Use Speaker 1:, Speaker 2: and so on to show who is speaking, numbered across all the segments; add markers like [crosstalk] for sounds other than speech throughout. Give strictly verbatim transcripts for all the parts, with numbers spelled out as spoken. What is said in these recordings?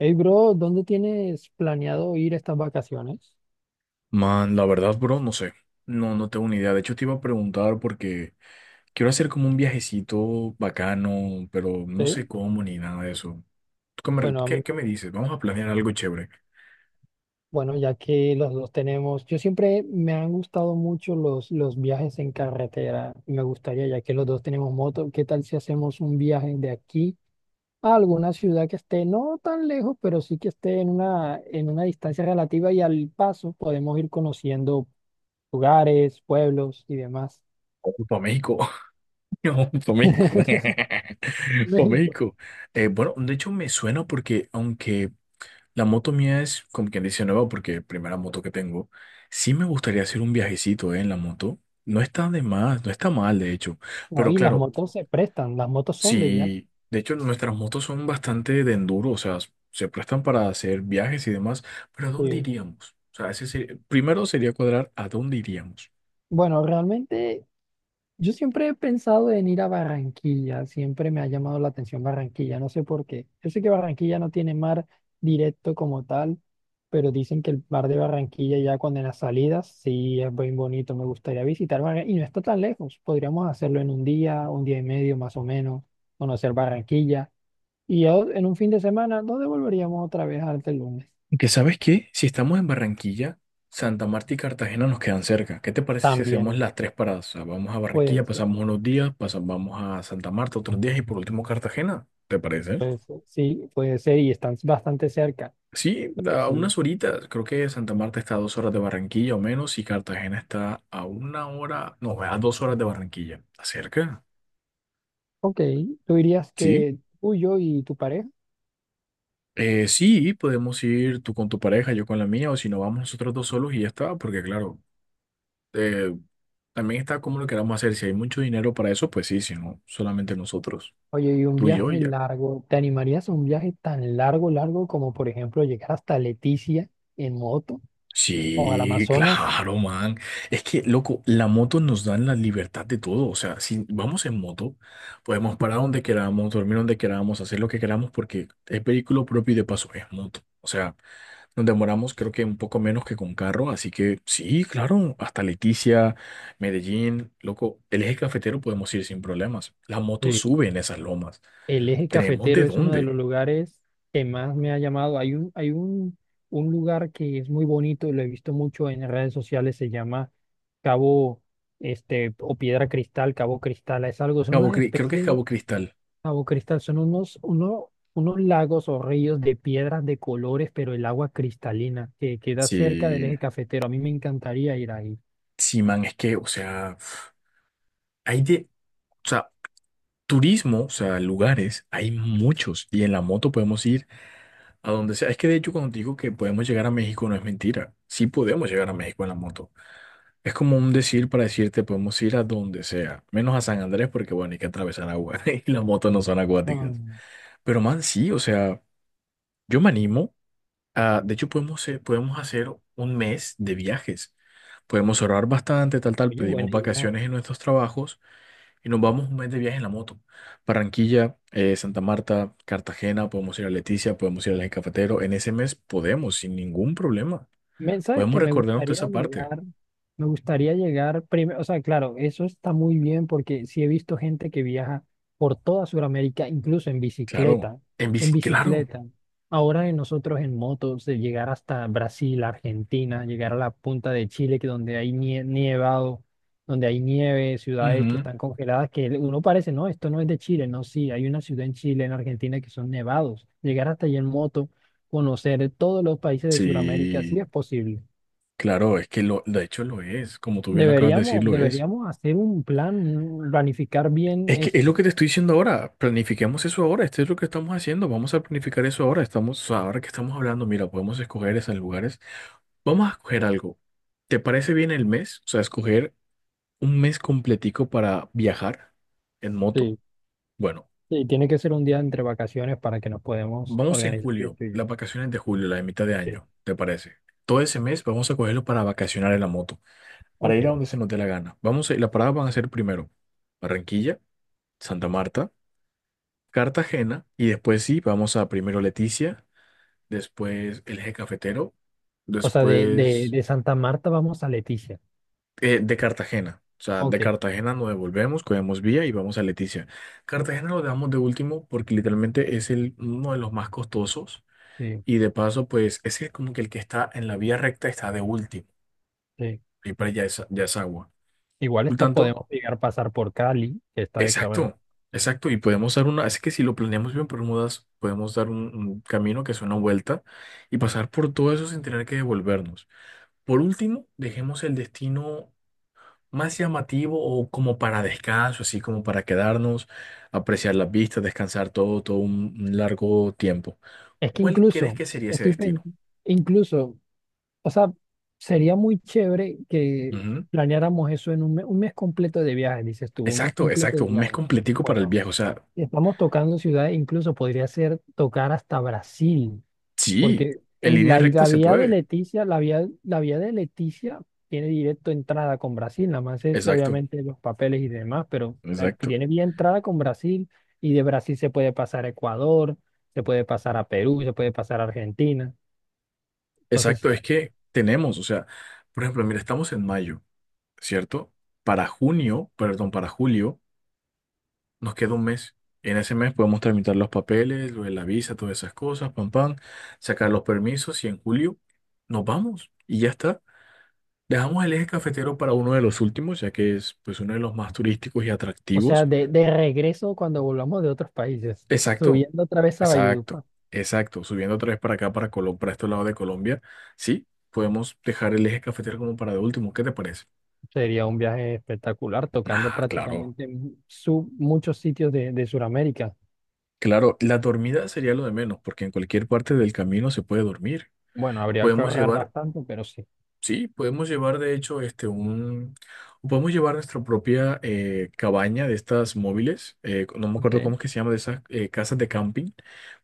Speaker 1: Hey, bro, ¿dónde tienes planeado ir estas vacaciones?
Speaker 2: Man, la verdad, bro, no sé. No, no tengo ni idea. De hecho, te iba a preguntar porque quiero hacer como un viajecito bacano, pero no sé
Speaker 1: Sí,
Speaker 2: cómo ni nada de eso. ¿Tú qué me,
Speaker 1: bueno, a
Speaker 2: qué-
Speaker 1: mí,
Speaker 2: qué me dices? Vamos a planear algo chévere.
Speaker 1: bueno, ya que los dos tenemos, yo siempre me han gustado mucho los, los viajes en carretera. Me gustaría, ya que los dos tenemos moto, ¿qué tal si hacemos un viaje de aquí a alguna ciudad que esté no tan lejos, pero sí que esté en una, en una distancia relativa y al paso podemos ir conociendo lugares, pueblos y demás?
Speaker 2: Para México. [laughs] Para México. [laughs] Para
Speaker 1: [laughs]
Speaker 2: México. Eh, bueno, de hecho, me suena porque aunque la moto mía es, como quien dice, nueva porque primera moto que tengo. Sí me gustaría hacer un viajecito, eh, en la moto. No está de más, no está mal, de hecho.
Speaker 1: No,
Speaker 2: Pero
Speaker 1: y las
Speaker 2: claro,
Speaker 1: motos se prestan, las motos son de viaje.
Speaker 2: sí, de hecho nuestras motos son bastante de enduro, o sea, se prestan para hacer viajes y demás, pero ¿a dónde
Speaker 1: Sí.
Speaker 2: iríamos? O sea, ese sería- primero sería cuadrar a dónde iríamos.
Speaker 1: Bueno, realmente yo siempre he pensado en ir a Barranquilla, siempre me ha llamado la atención Barranquilla, no sé por qué. Yo sé que Barranquilla no tiene mar directo como tal, pero dicen que el mar de Barranquilla ya cuando en las salidas sí es bien bonito, me gustaría visitar Barranquilla y no está tan lejos, podríamos hacerlo en un día, un día y medio más o menos, conocer Barranquilla y ya en un fin de semana nos devolveríamos otra vez hasta el lunes.
Speaker 2: Y que sabes qué, si estamos en Barranquilla, Santa Marta y Cartagena nos quedan cerca. ¿Qué te parece si hacemos
Speaker 1: También
Speaker 2: las tres paradas? O sea, vamos a Barranquilla,
Speaker 1: pueden ser,
Speaker 2: pasamos unos días, pasamos, vamos a Santa Marta otros días y por último Cartagena. ¿Te parece?
Speaker 1: puede ser, sí, puede ser y están bastante cerca.
Speaker 2: Sí, a
Speaker 1: Sí.
Speaker 2: unas horitas. Creo que Santa Marta está a dos horas de Barranquilla o menos y Cartagena está a una hora, no, a dos horas de Barranquilla. ¿Está cerca?
Speaker 1: Ok, tú dirías
Speaker 2: Sí.
Speaker 1: que tú, yo y tu pareja.
Speaker 2: Eh, sí, podemos ir tú con tu pareja, yo con la mía, o si no, vamos nosotros dos solos y ya está, porque claro. Eh, También está como lo queramos hacer. Si hay mucho dinero para eso, pues sí, si no, solamente nosotros,
Speaker 1: Oye, y un
Speaker 2: tú y yo y
Speaker 1: viaje
Speaker 2: ya.
Speaker 1: largo, ¿te animarías a un viaje tan largo, largo como por ejemplo llegar hasta Leticia en moto o al
Speaker 2: Sí,
Speaker 1: Amazonas?
Speaker 2: claro, man. Es que, loco, la moto nos da la libertad de todo. O sea, si vamos en moto, podemos parar donde queramos, dormir donde queramos, hacer lo que queramos, porque es vehículo propio y de paso es moto. O sea, nos demoramos creo que un poco menos que con carro, así que sí, claro, hasta Leticia, Medellín, loco, el eje cafetero podemos ir sin problemas. La moto
Speaker 1: Sí.
Speaker 2: sube en esas lomas.
Speaker 1: El eje
Speaker 2: ¿Tenemos
Speaker 1: cafetero
Speaker 2: de
Speaker 1: es uno de
Speaker 2: dónde?
Speaker 1: los lugares que más me ha llamado. Hay un, hay un, un lugar que es muy bonito, lo he visto mucho en redes sociales, se llama Cabo, este, o Piedra Cristal, Cabo Cristal. Es algo, son
Speaker 2: Cabo
Speaker 1: unas
Speaker 2: Cri- creo que es
Speaker 1: especies.
Speaker 2: Cabo Cristal.
Speaker 1: Cabo Cristal son unos, uno- unos lagos o ríos de piedras de colores, pero el agua cristalina que queda cerca del
Speaker 2: Sí,
Speaker 1: eje cafetero. A mí me encantaría ir ahí.
Speaker 2: sí, man, es que, o sea, hay de, o sea, turismo, o sea, lugares, hay muchos y en la moto podemos ir a donde sea. Es que de hecho cuando te digo que podemos llegar a México no es mentira. Sí podemos llegar a México en la moto. Es como un decir para decirte podemos ir a donde sea, menos a San Andrés porque bueno, hay que atravesar agua [laughs] y las motos no son
Speaker 1: Ah,
Speaker 2: acuáticas. Pero man, sí, o sea, yo me animo. Ah, de hecho, podemos, eh, podemos hacer un mes de viajes. Podemos ahorrar bastante, tal, tal.
Speaker 1: oye, buena
Speaker 2: Pedimos
Speaker 1: idea.
Speaker 2: vacaciones en nuestros trabajos y nos vamos un mes de viaje en la moto. Barranquilla, eh, Santa Marta, Cartagena, podemos ir a Leticia, podemos ir al Eje Cafetero. En ese mes podemos, sin ningún problema.
Speaker 1: Me- sabes
Speaker 2: Podemos
Speaker 1: que me
Speaker 2: recordarnos de
Speaker 1: gustaría
Speaker 2: esa parte.
Speaker 1: llegar, me gustaría llegar primero, o sea, claro, eso está muy bien porque sí he visto gente que viaja por toda Sudamérica, incluso en
Speaker 2: Claro.
Speaker 1: bicicleta,
Speaker 2: En bici,
Speaker 1: en
Speaker 2: claro.
Speaker 1: bicicleta. Ahora en nosotros en motos, de llegar hasta Brasil, Argentina, llegar a la punta de Chile, que donde hay nie- nievado, donde hay nieve, ciudades que
Speaker 2: Ujú.
Speaker 1: están congeladas, que uno parece, no, esto no es de Chile, no, sí, hay una ciudad en Chile, en Argentina, que son nevados. Llegar hasta allí en moto, conocer todos los países de Sudamérica, si
Speaker 2: Sí,
Speaker 1: es posible.
Speaker 2: claro, es que lo, de hecho lo es. Como tú bien lo acabas de decir,
Speaker 1: Deberíamos,
Speaker 2: lo es.
Speaker 1: deberíamos hacer un plan, un- planificar bien
Speaker 2: Es que es lo
Speaker 1: esto.
Speaker 2: que te estoy diciendo ahora. Planifiquemos eso ahora. Esto es lo que estamos haciendo. Vamos a planificar eso ahora. Estamos, ahora que estamos hablando, mira, podemos escoger esos lugares. Vamos a escoger algo. ¿Te parece bien el mes? O sea, escoger un mes completico para viajar en moto.
Speaker 1: Sí,
Speaker 2: Bueno,
Speaker 1: sí, tiene que ser un día entre vacaciones para que nos podamos
Speaker 2: vamos en
Speaker 1: organizar bien
Speaker 2: julio,
Speaker 1: tú y yo.
Speaker 2: las vacaciones de julio, la de mitad de
Speaker 1: Sí.
Speaker 2: año, ¿te parece? Todo ese mes vamos a cogerlo para vacacionar en la moto, para
Speaker 1: Ok.
Speaker 2: ir a donde se nos dé la gana. Vamos a, las paradas van a ser primero Barranquilla, Santa Marta. Cartagena y después sí, vamos a primero Leticia, después el eje cafetero,
Speaker 1: O sea, de, de,
Speaker 2: después
Speaker 1: de Santa Marta vamos a Leticia.
Speaker 2: eh, de Cartagena. O sea, de
Speaker 1: Ok,
Speaker 2: Cartagena nos devolvemos, cogemos vía y vamos a Leticia. Cartagena lo dejamos de último porque literalmente es el, uno de los más costosos
Speaker 1: sí,
Speaker 2: y de paso pues es el- como que el que está en la vía recta está de último
Speaker 1: sí.
Speaker 2: y para allá es, ya es agua.
Speaker 1: Igual
Speaker 2: Por
Speaker 1: esta
Speaker 2: tanto,
Speaker 1: podemos llegar a pasar por Cali, que está de cabeza.
Speaker 2: exacto, exacto. Y podemos dar una, es que si lo planeamos bien, Bermudas, podemos dar un, un camino que es una vuelta y pasar por todo eso sin tener que devolvernos. Por último, dejemos el destino más llamativo o como para descanso, así como para quedarnos, apreciar las vistas, descansar todo, todo un, un largo tiempo.
Speaker 1: Es que
Speaker 2: ¿Cuál crees
Speaker 1: incluso,
Speaker 2: que sería ese
Speaker 1: estoy
Speaker 2: destino?
Speaker 1: pensando, incluso. O sea, sería muy chévere que
Speaker 2: Ujú.
Speaker 1: planeáramos eso en un mes, un mes completo de viajes, dices tú, un mes
Speaker 2: Exacto,
Speaker 1: completo
Speaker 2: exacto.
Speaker 1: de
Speaker 2: Un mes
Speaker 1: viajes.
Speaker 2: completico para el
Speaker 1: Bueno,
Speaker 2: viaje. O sea,
Speaker 1: estamos tocando ciudades, incluso podría ser tocar hasta Brasil,
Speaker 2: sí,
Speaker 1: porque
Speaker 2: en
Speaker 1: en
Speaker 2: línea
Speaker 1: la, y
Speaker 2: recta
Speaker 1: la
Speaker 2: se
Speaker 1: vía de
Speaker 2: puede.
Speaker 1: Leticia, la vía, la vía de Leticia tiene directo entrada con Brasil, nada más es
Speaker 2: Exacto,
Speaker 1: obviamente los papeles y demás, pero eh,
Speaker 2: exacto.
Speaker 1: tiene vía entrada con Brasil y de Brasil se puede pasar a Ecuador, se puede pasar a Perú, se puede pasar a Argentina. Entonces,
Speaker 2: Exacto, es que tenemos, o sea, por ejemplo, mira, estamos en mayo, ¿cierto? Para junio, perdón, para julio, nos queda un mes. En ese mes podemos tramitar los papeles, lo de la visa, todas esas cosas, pam, pam, sacar los permisos y en julio nos vamos y ya está. Dejamos el eje cafetero para uno de los últimos, ya que es pues uno de los más turísticos y
Speaker 1: o
Speaker 2: atractivos.
Speaker 1: sea, de, de regreso cuando volvamos de otros países,
Speaker 2: Exacto,
Speaker 1: subiendo otra vez a
Speaker 2: exacto,
Speaker 1: Valledupar,
Speaker 2: exacto. Subiendo otra vez para acá, para Colombia, para este lado de Colombia, sí, podemos dejar el eje cafetero como para de último. ¿Qué te parece?
Speaker 1: sería un viaje espectacular, tocando
Speaker 2: Ah, claro,
Speaker 1: prácticamente mu- su- muchos sitios de, de Sudamérica.
Speaker 2: claro. La dormida sería lo de menos, porque en cualquier parte del camino se puede dormir.
Speaker 1: Bueno, habría que
Speaker 2: Podemos
Speaker 1: ahorrar
Speaker 2: llevar,
Speaker 1: bastante, pero sí.
Speaker 2: sí, podemos llevar de hecho este un, podemos llevar nuestra propia eh, cabaña de estas móviles. Eh, no me
Speaker 1: Ok.
Speaker 2: acuerdo cómo es que se llama de esas eh, casas de camping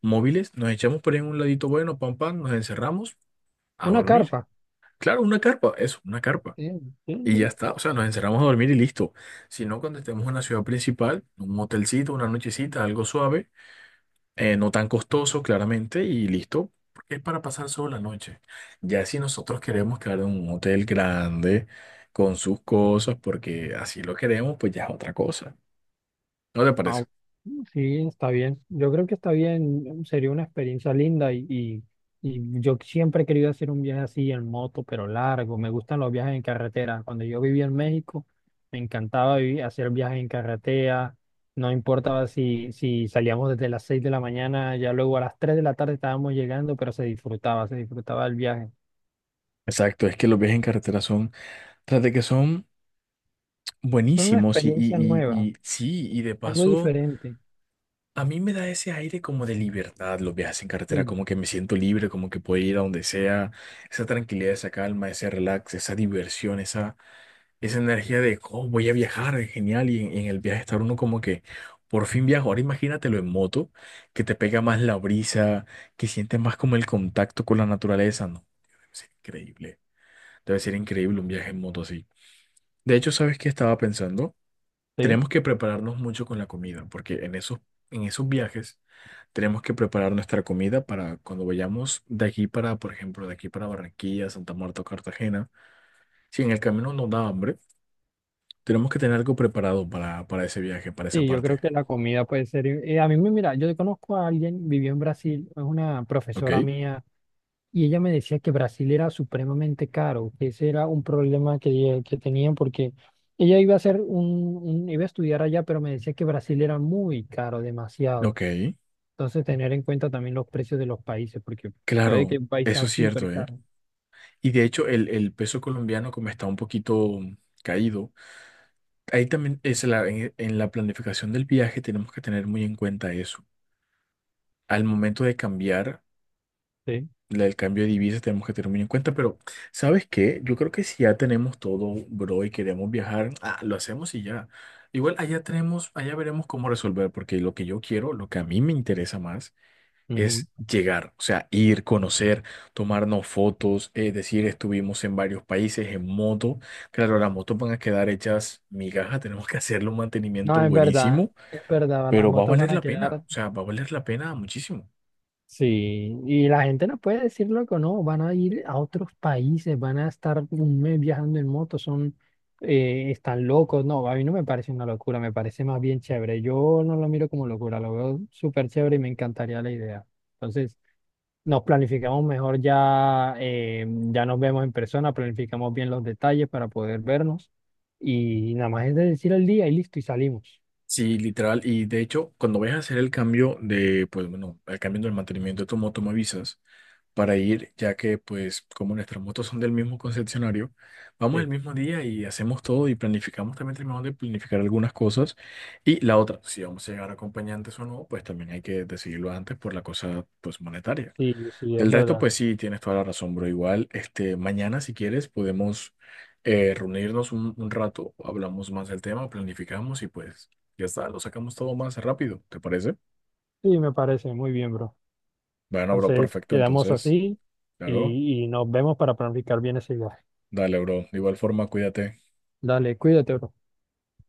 Speaker 2: móviles. Nos echamos por ahí en un ladito bueno, pam pam, nos encerramos a
Speaker 1: Una
Speaker 2: dormir.
Speaker 1: carpa.
Speaker 2: Claro, una carpa, eso, una carpa.
Speaker 1: Sí,
Speaker 2: Y ya
Speaker 1: sí.
Speaker 2: está, o sea, nos encerramos a dormir y listo. Si no, cuando estemos en la ciudad principal, un motelcito, una nochecita, algo suave eh, no tan costoso, claramente, y listo, porque es para pasar solo la noche. Ya si nosotros queremos quedar en un hotel grande, con sus cosas, porque así lo queremos, pues ya es otra cosa. ¿No te parece?
Speaker 1: Ah, bueno, sí, está bien. Yo creo que está bien. Sería una experiencia linda y, y, y yo siempre he querido hacer un viaje así en moto, pero largo. Me gustan los viajes en carretera. Cuando yo vivía en México, me encantaba vivi- hacer viajes en carretera. No importaba si, si salíamos desde las seis de la mañana, ya luego a las tres de la tarde estábamos llegando, pero se disfrutaba, se disfrutaba el viaje.
Speaker 2: Exacto, es que los viajes en carretera son, tras de que son
Speaker 1: Fue una
Speaker 2: buenísimos y,
Speaker 1: experiencia
Speaker 2: y, y,
Speaker 1: nueva,
Speaker 2: y sí, y de
Speaker 1: algo
Speaker 2: paso
Speaker 1: diferente.
Speaker 2: a mí me da ese aire como de libertad los viajes en carretera,
Speaker 1: Sí,
Speaker 2: como que me siento libre, como que puedo ir a donde sea, esa tranquilidad, esa calma, ese relax, esa diversión, esa, esa energía de, oh, voy a viajar, es genial, y en, en el viaje estar uno como que, por fin viajo. Ahora imagínatelo en moto, que te pega más la brisa, que sientes más como el contacto con la naturaleza, no, debe ser increíble, debe ser increíble un viaje en moto así. De hecho, ¿sabes qué estaba pensando?
Speaker 1: sí.
Speaker 2: Tenemos que prepararnos mucho con la comida, porque en esos, en esos viajes tenemos que preparar nuestra comida para cuando vayamos de aquí para, por ejemplo, de aquí para Barranquilla, Santa Marta o Cartagena. Si en el camino nos da hambre, tenemos que tener algo preparado para, para ese viaje, para esa
Speaker 1: Sí, yo creo
Speaker 2: parte.
Speaker 1: que la comida puede ser. Eh, a mí me mira, yo conozco a alguien, vivió en Brasil, es una
Speaker 2: ¿Ok?
Speaker 1: profesora mía, y ella me decía que Brasil era supremamente caro, que ese era un problema que, ella- que tenían, porque ella iba a hacer un, un- iba a estudiar allá, pero me decía que Brasil era muy caro, demasiado.
Speaker 2: Ok.
Speaker 1: Entonces, tener en cuenta también los precios de los países, porque puede que
Speaker 2: Claro,
Speaker 1: un país
Speaker 2: eso
Speaker 1: sea
Speaker 2: es
Speaker 1: súper
Speaker 2: cierto, ¿eh?
Speaker 1: caro.
Speaker 2: Y de hecho, el, el peso colombiano, como está un poquito caído, ahí también es la, en en la planificación del viaje, tenemos que tener muy en cuenta eso. Al momento de cambiar
Speaker 1: Sí.
Speaker 2: la del cambio de divisas tenemos que tener muy en cuenta, pero ¿sabes qué? Yo creo que si ya tenemos todo, bro, y queremos viajar, ah, lo hacemos y ya. Igual allá tenemos, allá veremos cómo resolver, porque lo que yo quiero, lo que a mí me interesa más
Speaker 1: Ujú.
Speaker 2: es llegar, o sea, ir, conocer, tomarnos fotos, es decir, estuvimos en varios países en moto. Claro, las motos van a quedar hechas migajas, [laughs] tenemos que hacerle un mantenimiento
Speaker 1: No, es verdad,
Speaker 2: buenísimo,
Speaker 1: es verdad, las
Speaker 2: pero va a
Speaker 1: motos van
Speaker 2: valer
Speaker 1: a
Speaker 2: la pena,
Speaker 1: quedar.
Speaker 2: o sea, va a valer la pena muchísimo.
Speaker 1: Sí, y la gente no puede decir loco, no, van a ir a otros países, van a estar un mes viajando en moto, son, eh, están locos. No, a mí no me parece una locura, me parece más bien chévere. Yo no lo miro como locura, lo veo súper chévere y me encantaría la idea. Entonces, nos planificamos mejor ya, eh, ya nos vemos en persona, planificamos bien los detalles para poder vernos y nada más es de decir el día y listo y salimos.
Speaker 2: Sí, literal. Y de hecho, cuando vayas a hacer el cambio de, pues bueno, el cambio del mantenimiento de tu moto, me avisas para ir, ya que pues como nuestras motos son del mismo concesionario, vamos el
Speaker 1: Sí,
Speaker 2: mismo día y hacemos todo y planificamos, también tenemos de planificar algunas cosas. Y la otra, si vamos a llegar acompañantes o no, pues también hay que decidirlo antes por la cosa pues monetaria.
Speaker 1: sí, sí, es
Speaker 2: Del resto,
Speaker 1: verdad.
Speaker 2: pues sí, tienes toda la razón, bro. Igual, este, mañana, si quieres, podemos eh, reunirnos un, un rato, hablamos más del tema, planificamos y pues ya está, lo sacamos todo más rápido, ¿te parece?
Speaker 1: Sí, me parece muy bien, bro.
Speaker 2: Bueno, bro,
Speaker 1: Entonces,
Speaker 2: perfecto.
Speaker 1: quedamos
Speaker 2: Entonces,
Speaker 1: así
Speaker 2: claro,
Speaker 1: y, y nos vemos para planificar bien ese viaje.
Speaker 2: dale, bro. De igual forma, cuídate.
Speaker 1: Dale, cuídate, bro.